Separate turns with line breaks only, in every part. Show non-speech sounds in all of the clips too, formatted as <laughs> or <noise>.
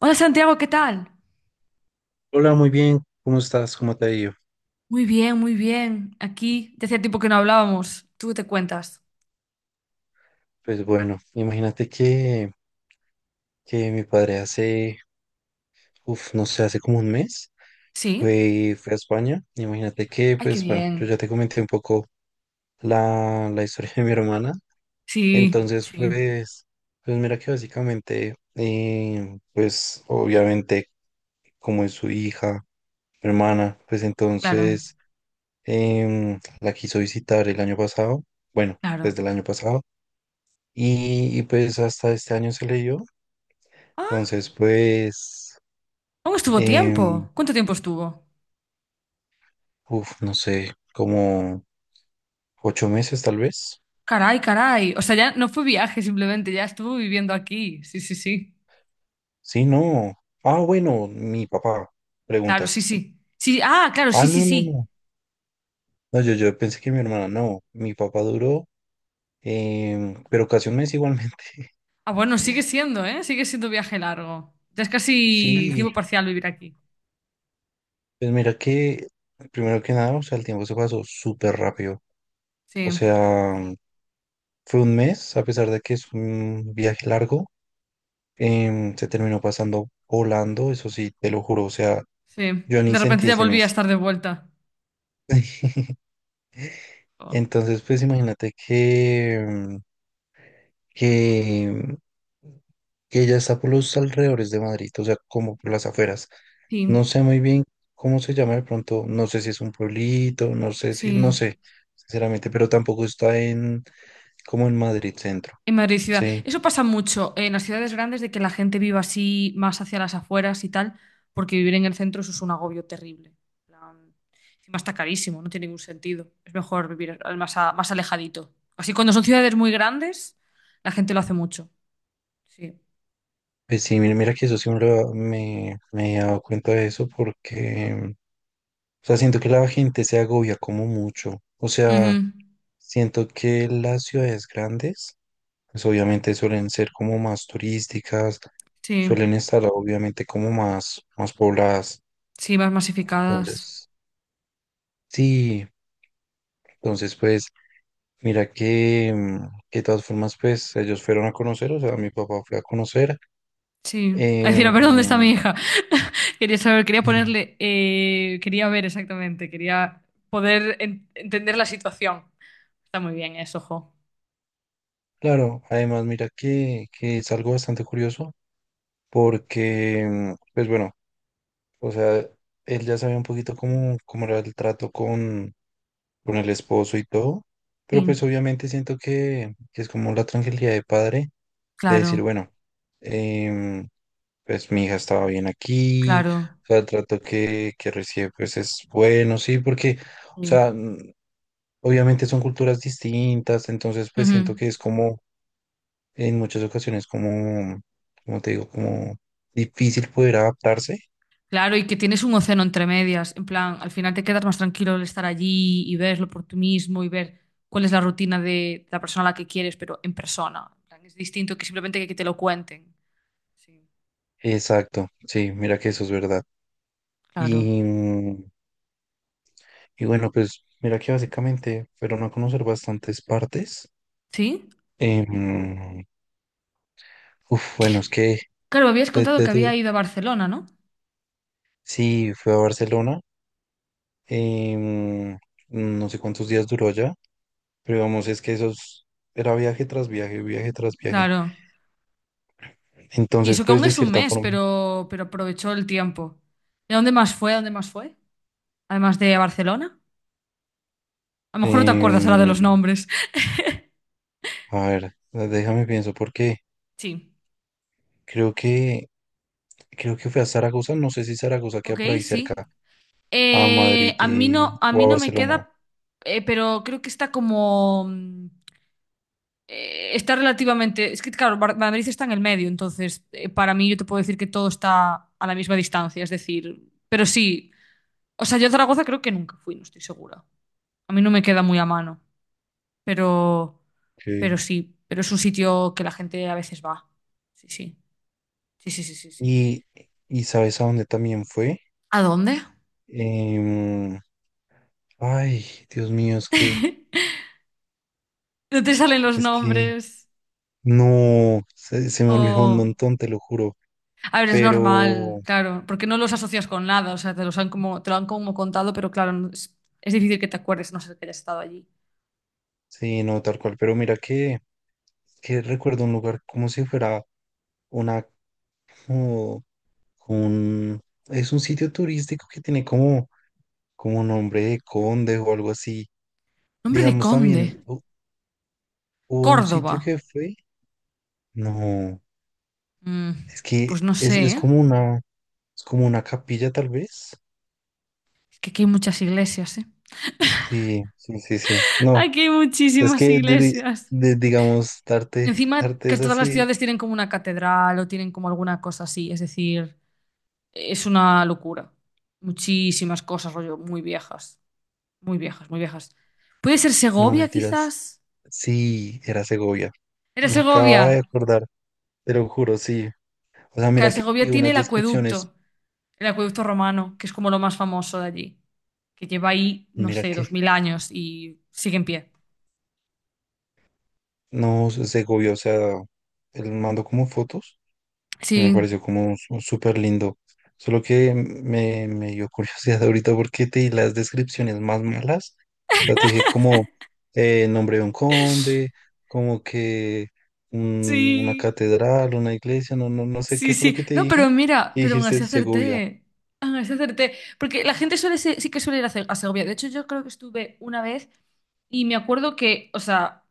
Hola Santiago, ¿qué tal?
Hola, muy bien. ¿Cómo estás? ¿Cómo te ha ido?
Muy bien, muy bien. Aquí, de hace tiempo que no hablábamos. ¿Tú qué te cuentas?
Pues bueno, imagínate que mi padre hace, no sé, hace como un mes
¿Sí?
fue a España. Imagínate que,
Ay, qué
pues bueno, yo
bien.
ya te comenté un poco la historia de mi hermana.
Sí,
Entonces,
sí,
pues, pues mira que básicamente, pues obviamente, como es su hija, mi hermana, pues
claro,
entonces la quiso visitar el año pasado, bueno,
claro.
desde el año pasado. Y pues hasta este año se le dio.
Ah,
Entonces, pues,
aún estuvo
em,
tiempo. ¿Cuánto tiempo estuvo?
no sé, como 8 meses tal vez.
Caray, caray. O sea, ya no fue viaje simplemente, ya estuvo viviendo aquí. Sí, sí, sí.
Sí, no. Ah, bueno, mi papá,
Claro, sí,
preguntas.
sí. Sí, ah, claro,
Ah,
sí, sí,
no, no,
sí.
no. No, yo pensé que mi hermana, no. Mi papá duró, pero casi un mes igualmente. <laughs>
Ah, bueno, sigue siendo, ¿eh? Sigue siendo viaje largo. Ya es casi
Sí,
tiempo parcial vivir aquí.
pues mira que, primero que nada, o sea, el tiempo se pasó súper rápido. O
Sí,
sea, fue un mes, a pesar de que es un viaje largo, se terminó pasando volando, eso sí, te lo juro, o sea.
sí.
Yo ni
De repente
sentí
ya
ese
volví a
mes.
estar de vuelta. Oh.
Entonces, pues imagínate que, que, que ella está por los alrededores de Madrid, o sea, como por las afueras. No
Sí.
sé muy bien cómo se llama de pronto, no sé si es un pueblito, no sé si, no
Sí,
sé, sinceramente, pero tampoco está en, como en Madrid centro.
en Madrid ciudad.
Sí,
Eso pasa mucho en las ciudades grandes de que la gente viva así más hacia las afueras y tal, porque vivir en el centro eso es un agobio terrible. En plan, encima está carísimo, no tiene ningún sentido. Es mejor vivir más, más alejadito. Así cuando son ciudades muy grandes, la gente lo hace mucho. Sí.
pues sí, mira que eso sí me he dado cuenta de eso porque, o sea, siento que la gente se agobia como mucho. O sea,
Ujú.
siento que las ciudades grandes pues obviamente suelen ser como más turísticas,
Sí,
suelen estar obviamente como más, más pobladas.
sí, más masificadas.
Entonces, sí, entonces pues mira que, que de todas formas pues ellos fueron a conocer, o sea, mi papá fue a conocer.
Sí. A decir, a
em,
ver dónde está mi hija. <laughs> Quería saber, quería
sí,
ponerle, quería ver exactamente, quería poder entender la situación. Está muy bien eso, jo.
claro, además mira que es algo bastante curioso porque, pues bueno, o sea, él ya sabía un poquito cómo, cómo era el trato con el esposo y todo, pero
Sí,
pues obviamente siento que es como la tranquilidad de padre de decir,
claro,
bueno, em, pues mi hija estaba bien aquí,
claro.
o sea, el trato que recibe pues es bueno, sí, porque, o
Sí.
sea, obviamente son culturas distintas, entonces pues
Ujú.
siento que es como en muchas ocasiones como, como te digo, como difícil poder adaptarse.
Claro, y que tienes un océano entre medias. En plan, al final te quedas más tranquilo al estar allí y verlo por tú mismo y ver cuál es la rutina de la persona a la que quieres, pero en persona. En plan, es distinto que simplemente que te lo cuenten. Sí,
Exacto, sí, mira que eso es verdad.
claro.
Y, mm, Y bueno, pues mira que básicamente fueron a conocer bastantes partes.
¿Sí?
Em, bueno, es que
Claro, habías
de-
contado
de-
que
de-
había ido a Barcelona, ¿no?
sí, fue a Barcelona. em, no sé cuántos días duró allá, pero vamos, es que esos era viaje tras viaje, viaje tras viaje.
Claro. Y
Entonces,
eso que
pues
aún
de
es un
cierta
mes,
forma,
pero aprovechó el tiempo. ¿Y a dónde más fue? ¿A dónde más fue? Además de a Barcelona. A lo mejor no te acuerdas ahora de los
em,
nombres.
a ver, déjame pienso, porque
Sí,
creo que creo que fue a Zaragoza, no sé si Zaragoza queda
ok,
por ahí
sí.
cerca, a Madrid y,
A
o
mí
a
no me
Barcelona.
queda, pero creo que está como... está relativamente... Es que, claro, Madrid está en el medio, entonces, para mí yo te puedo decir que todo está a la misma distancia, es decir, pero sí, o sea, yo a Zaragoza creo que nunca fui, no estoy segura. A mí no me queda muy a mano, pero, pero
Ok.
sí, pero es un sitio que la gente a veces va. Sí, sí, sí, sí, sí, sí. Sí.
Y, y ¿sabes a dónde también fue?
¿A dónde?
Em, ay, Dios mío,
<laughs> No te salen los
es que,
nombres.
no, se me olvidó un
Jo.
montón, te lo juro.
A ver, es normal,
Pero,
claro, porque no los asocias con nada, o sea, te los han como, te lo han como contado, pero claro, es difícil que te acuerdes, a no sé que hayas estado allí.
sí, no, tal cual. Pero mira que recuerdo un lugar como si fuera una, como, un, es un sitio turístico que tiene como, como nombre de conde o algo así.
Nombre de
Digamos
conde,
también, hubo un sitio
Córdoba.
que fue, no,
Mm,
es que
pues no sé,
es
¿eh?
como una... Es como una capilla, tal vez.
Es que aquí hay muchas iglesias, ¿eh?
Sí, sí, sí, sí.
<laughs>
No,
Aquí hay
es
muchísimas
que,
iglesias.
digamos,
Encima
darte
que
es
todas las
así.
ciudades tienen como una catedral o tienen como alguna cosa así, es decir, es una locura. Muchísimas cosas, rollo, muy viejas, muy viejas, muy viejas. ¿Puede ser
No,
Segovia,
mentiras.
quizás?
Sí, era Segovia.
¿Era
Me
Segovia?
acababa de acordar, te lo juro, sí. O sea, mira
Claro,
que hay
Segovia tiene
unas descripciones,
el acueducto romano, que es como lo más famoso de allí, que lleva ahí, no
mira
sé,
que
2000 años y sigue en pie.
no, Segovia, o sea, él mandó como fotos. Que me
Sí,
pareció como súper lindo. Solo que me dio curiosidad ahorita porque te di las descripciones más malas. O sea, te dije como nombre de un conde, como que una
sí,
catedral, una iglesia, no, no, no sé
sí,
qué fue lo
sí.
que te
No,
dije.
pero mira,
Y
pero aún
dijiste
así
Segovia.
acerté. Aún así acerté. Porque la gente suele sí que suele ir a Segovia. De hecho, yo creo que estuve una vez y me acuerdo que, o sea,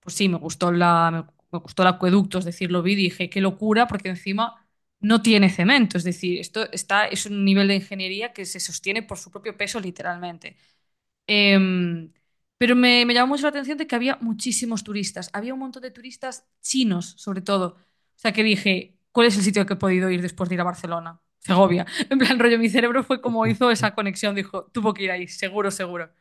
pues sí, me gustó me gustó el acueducto, es decir, lo vi y dije, qué locura, porque encima no tiene cemento, es decir, esto está, es un nivel de ingeniería que se sostiene por su propio peso literalmente. Em, pero me llamó mucho la atención de que había muchísimos turistas. Había un montón de turistas chinos, sobre todo. O sea, que dije, ¿cuál es el sitio al que he podido ir después de ir a Barcelona? Segovia. <laughs> En plan, rollo, mi cerebro
<laughs>
fue como
Ujú.
hizo esa conexión. Dijo, tuvo que ir ahí, seguro, seguro.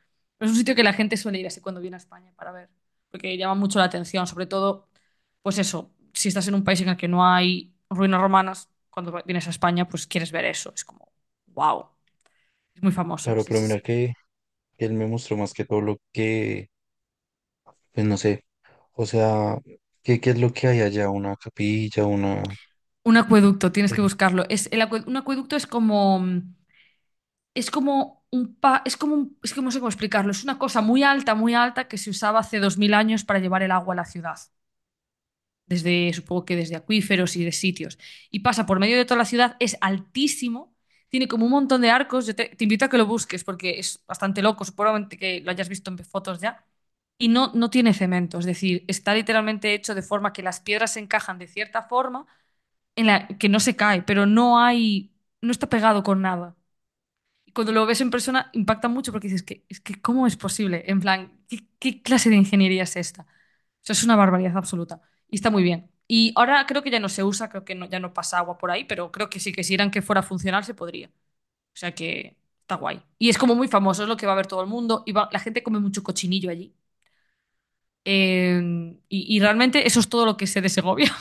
Es un sitio que la gente suele ir así cuando viene a España para ver, porque llama mucho la atención, sobre todo, pues eso, si estás en un país en el que no hay ruinas romanas, cuando vienes a España, pues quieres ver eso. Es como, wow, es muy famoso.
Claro,
Sí,
pero
sí,
mira
sí.
que él me mostró más que todo lo que, pues no sé, o sea, ¿qué, qué es lo que hay allá? Una capilla, una...
Un acueducto, tienes que
eh,
buscarlo. Un acueducto es como, es como es como es que no sé cómo explicarlo. Es una cosa muy alta que se usaba hace 2000 años para llevar el agua a la ciudad. Desde, supongo que desde acuíferos y de sitios. Y pasa por medio de toda la ciudad, es altísimo, tiene como un montón de arcos. Yo te invito a que lo busques porque es bastante loco, seguramente que lo hayas visto en fotos ya. Y no, no tiene cemento, es decir, está literalmente hecho de forma que las piedras se encajan de cierta forma en la que no se cae, pero no hay, no está pegado con nada. Y cuando lo ves en persona impacta mucho porque dices, es que, ¿cómo es posible? En plan, ¿qué clase de ingeniería es esta? O sea, es una barbaridad absoluta. Y está muy bien. Y ahora creo que ya no se usa, creo que no, ya no pasa agua por ahí, pero creo que sí, que si eran que fuera funcional se podría. O sea que está guay. Y es como muy famoso, es lo que va a ver todo el mundo. Y la gente come mucho cochinillo allí. Eh, y realmente eso es todo lo que sé de Segovia.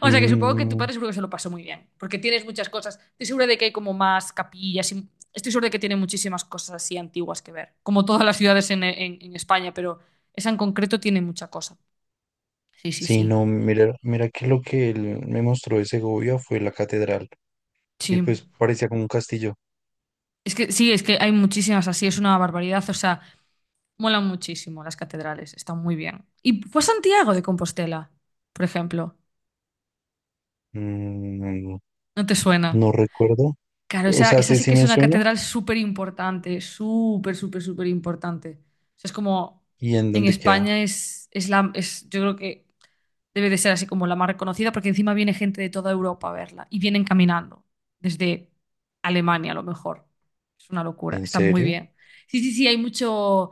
O sea que supongo que tu
Mm,
padre seguro que se lo pasó muy bien, porque tienes muchas cosas. Estoy segura de que hay como más capillas, estoy segura de que tiene muchísimas cosas así antiguas que ver, como todas las ciudades en España, pero esa en concreto tiene mucha cosa. Sí, sí,
Sí,
sí.
no, mira, mira que lo que él me mostró de Segovia fue la catedral. Y
Sí.
pues parecía como un castillo.
Es que sí, es que hay muchísimas así, es una barbaridad, o sea, molan muchísimo las catedrales, están muy bien. ¿Y fue a Santiago de Compostela, por ejemplo?
Mm,
¿No te suena?
no recuerdo.
Claro,
O
esa,
sea,
esa
sí,
sí
sí
que es
me
una
suena.
catedral súper importante, súper, súper, súper importante. O sea, es como
¿Y en
en
dónde queda?
España yo creo que debe de ser así como la más reconocida, porque encima viene gente de toda Europa a verla y vienen caminando desde Alemania a lo mejor. Es una locura,
¿En
está muy
serio?
bien. Sí, sí, sí, hay mucho,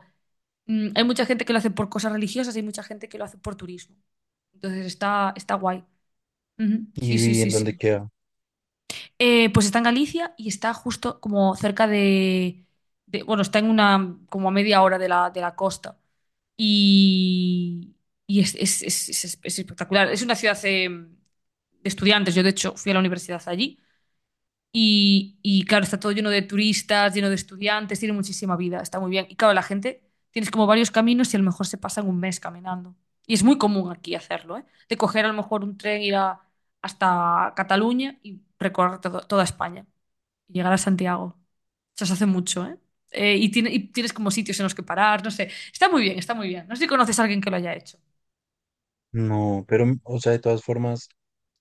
hay mucha gente que lo hace por cosas religiosas, hay mucha gente que lo hace por turismo. Entonces está guay. Ujú,
Y
sí, sí,
vi
sí,
en dónde
sí.
queda.
Pues está en Galicia y está justo como cerca de, bueno, está en una, como a media hora de la costa. Y, y es, es espectacular. Es una ciudad de estudiantes. Yo, de hecho, fui a la universidad allí. Y, claro, está todo lleno de turistas, lleno de estudiantes, tiene muchísima vida, está muy bien. Y claro, la gente, tienes como varios caminos y a lo mejor se pasan un mes caminando. Y es muy común aquí hacerlo, ¿eh? De coger a lo mejor un tren, hasta Cataluña y recorrer toda España y llegar a Santiago. Eso se hace mucho, ¿eh? Y tienes como sitios en los que parar, no sé. Está muy bien, está muy bien. No sé si conoces a alguien que lo haya hecho.
No, pero, o sea, de todas formas,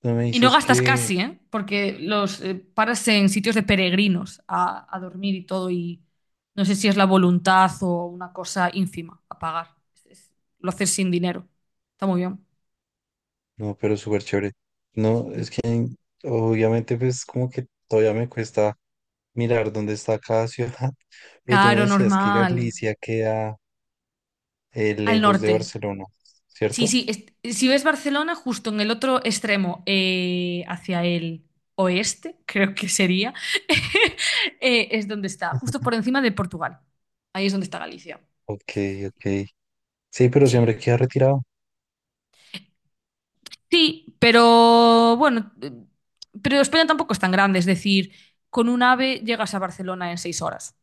no me
Y no
dices
gastas
que.
casi, ¿eh? Porque los paras en sitios de peregrinos a dormir y todo. Y no sé si es la voluntad o una cosa ínfima a pagar. Lo haces sin dinero. Está muy bien.
No, pero súper chévere. No, es
Sí.
que obviamente, pues como que todavía me cuesta mirar dónde está cada ciudad. <laughs> Pero tú me
Caro,
decías que
normal.
Galicia queda
Al
lejos de
norte.
Barcelona,
Sí,
¿cierto?
sí, si ves Barcelona, justo en el otro extremo, hacia el oeste, <laughs> creo que sería, <laughs> es donde está,
<laughs>
justo
Ujú.
por encima de Portugal. Ahí es donde está Galicia.
Ok,
Sí, sí,
ok.
sí.
Sí, pero
Sí,
siempre queda retirado.
sí, pero bueno, pero España tampoco es tan grande, es decir, con un AVE llegas a Barcelona en 6 horas.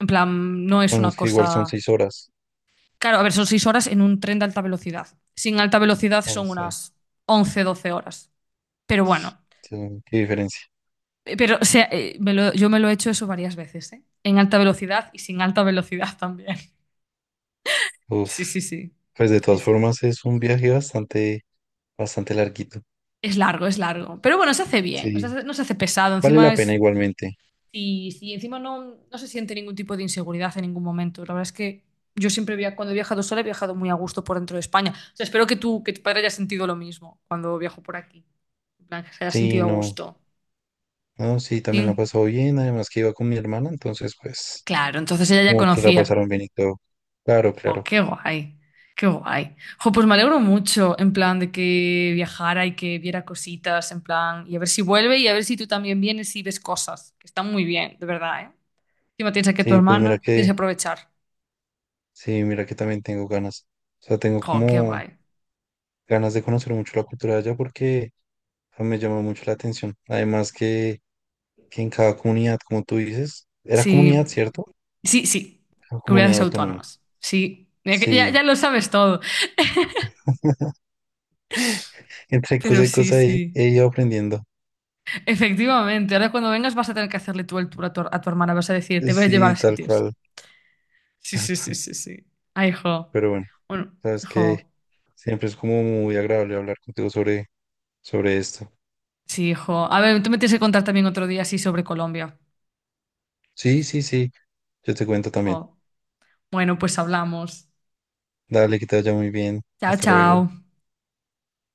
En plan, no es
Bueno,
una
es que igual son
cosa...
6 horas.
Claro, a ver, son 6 horas en un tren de alta velocidad. Sin alta velocidad
No
son
sé,
unas 11, 12 horas. Pero bueno,
sí, qué diferencia.
pero, o sea, yo me lo he hecho eso varias veces, ¿eh? En alta velocidad y sin alta velocidad también. <laughs>
Uf,
Sí, sí, sí.
pues de
Sí,
todas
sí.
formas es un viaje bastante, bastante larguito.
Es largo, es largo. Pero bueno, se hace bien. O sea,
Sí,
no se hace pesado.
vale
Encima
la pena
es.
igualmente.
Y encima no, no se siente ningún tipo de inseguridad en ningún momento. La verdad es que yo siempre cuando he viajado sola he viajado muy a gusto por dentro de España. O sea, espero que tú, que tu padre haya sentido lo mismo cuando viajo por aquí. En plan, que se haya
Sí,
sentido a
no,
gusto.
no, sí, también la
Sí.
pasó bien. Además que iba con mi hermana, entonces pues
Claro, entonces ella ya
como que la
conocía.
pasaron bien y todo. Claro,
Jo,
claro.
qué guay, qué guay. Jo, pues me alegro mucho, en plan, de que viajara y que viera cositas, en plan, y a ver si vuelve y a ver si tú también vienes y ves cosas, que están muy bien, de verdad, ¿eh? Encima tienes aquí a tu
Sí, pues mira
hermana, tienes
que,
que aprovechar.
sí, mira que también tengo ganas. O sea, tengo
Jo, qué
como
guay.
ganas de conocer mucho la cultura de allá porque o sea, me llama mucho la atención. Además que en cada comunidad, como tú dices, era
Sí,
comunidad, ¿cierto?
sí, sí.
Era comunidad
Comunidades
autónoma.
autónomas. Sí, ya, ya
Sí,
lo sabes todo,
entre cosa
pero
y
sí,
cosa
sí.
he ido aprendiendo.
Efectivamente, ahora cuando vengas vas a tener que hacerle tú el tour a tu hermana, vas a decir, te voy a llevar
Sí,
a
tal
sitios.
cual, <laughs>
Sí,
tal
sí, sí,
cual.
sí, sí. Ay, jo.
Pero bueno,
Bueno,
sabes que
jo.
siempre es como muy agradable hablar contigo sobre, sobre esto.
Sí, jo. A ver, tú me tienes que contar también otro día así sobre Colombia. Sí,
Sí,
sí.
sí, sí, yo te cuento también.
Jo. Bueno, pues hablamos.
Dale, que te vaya muy bien.
Chao,
Hasta luego.
chao.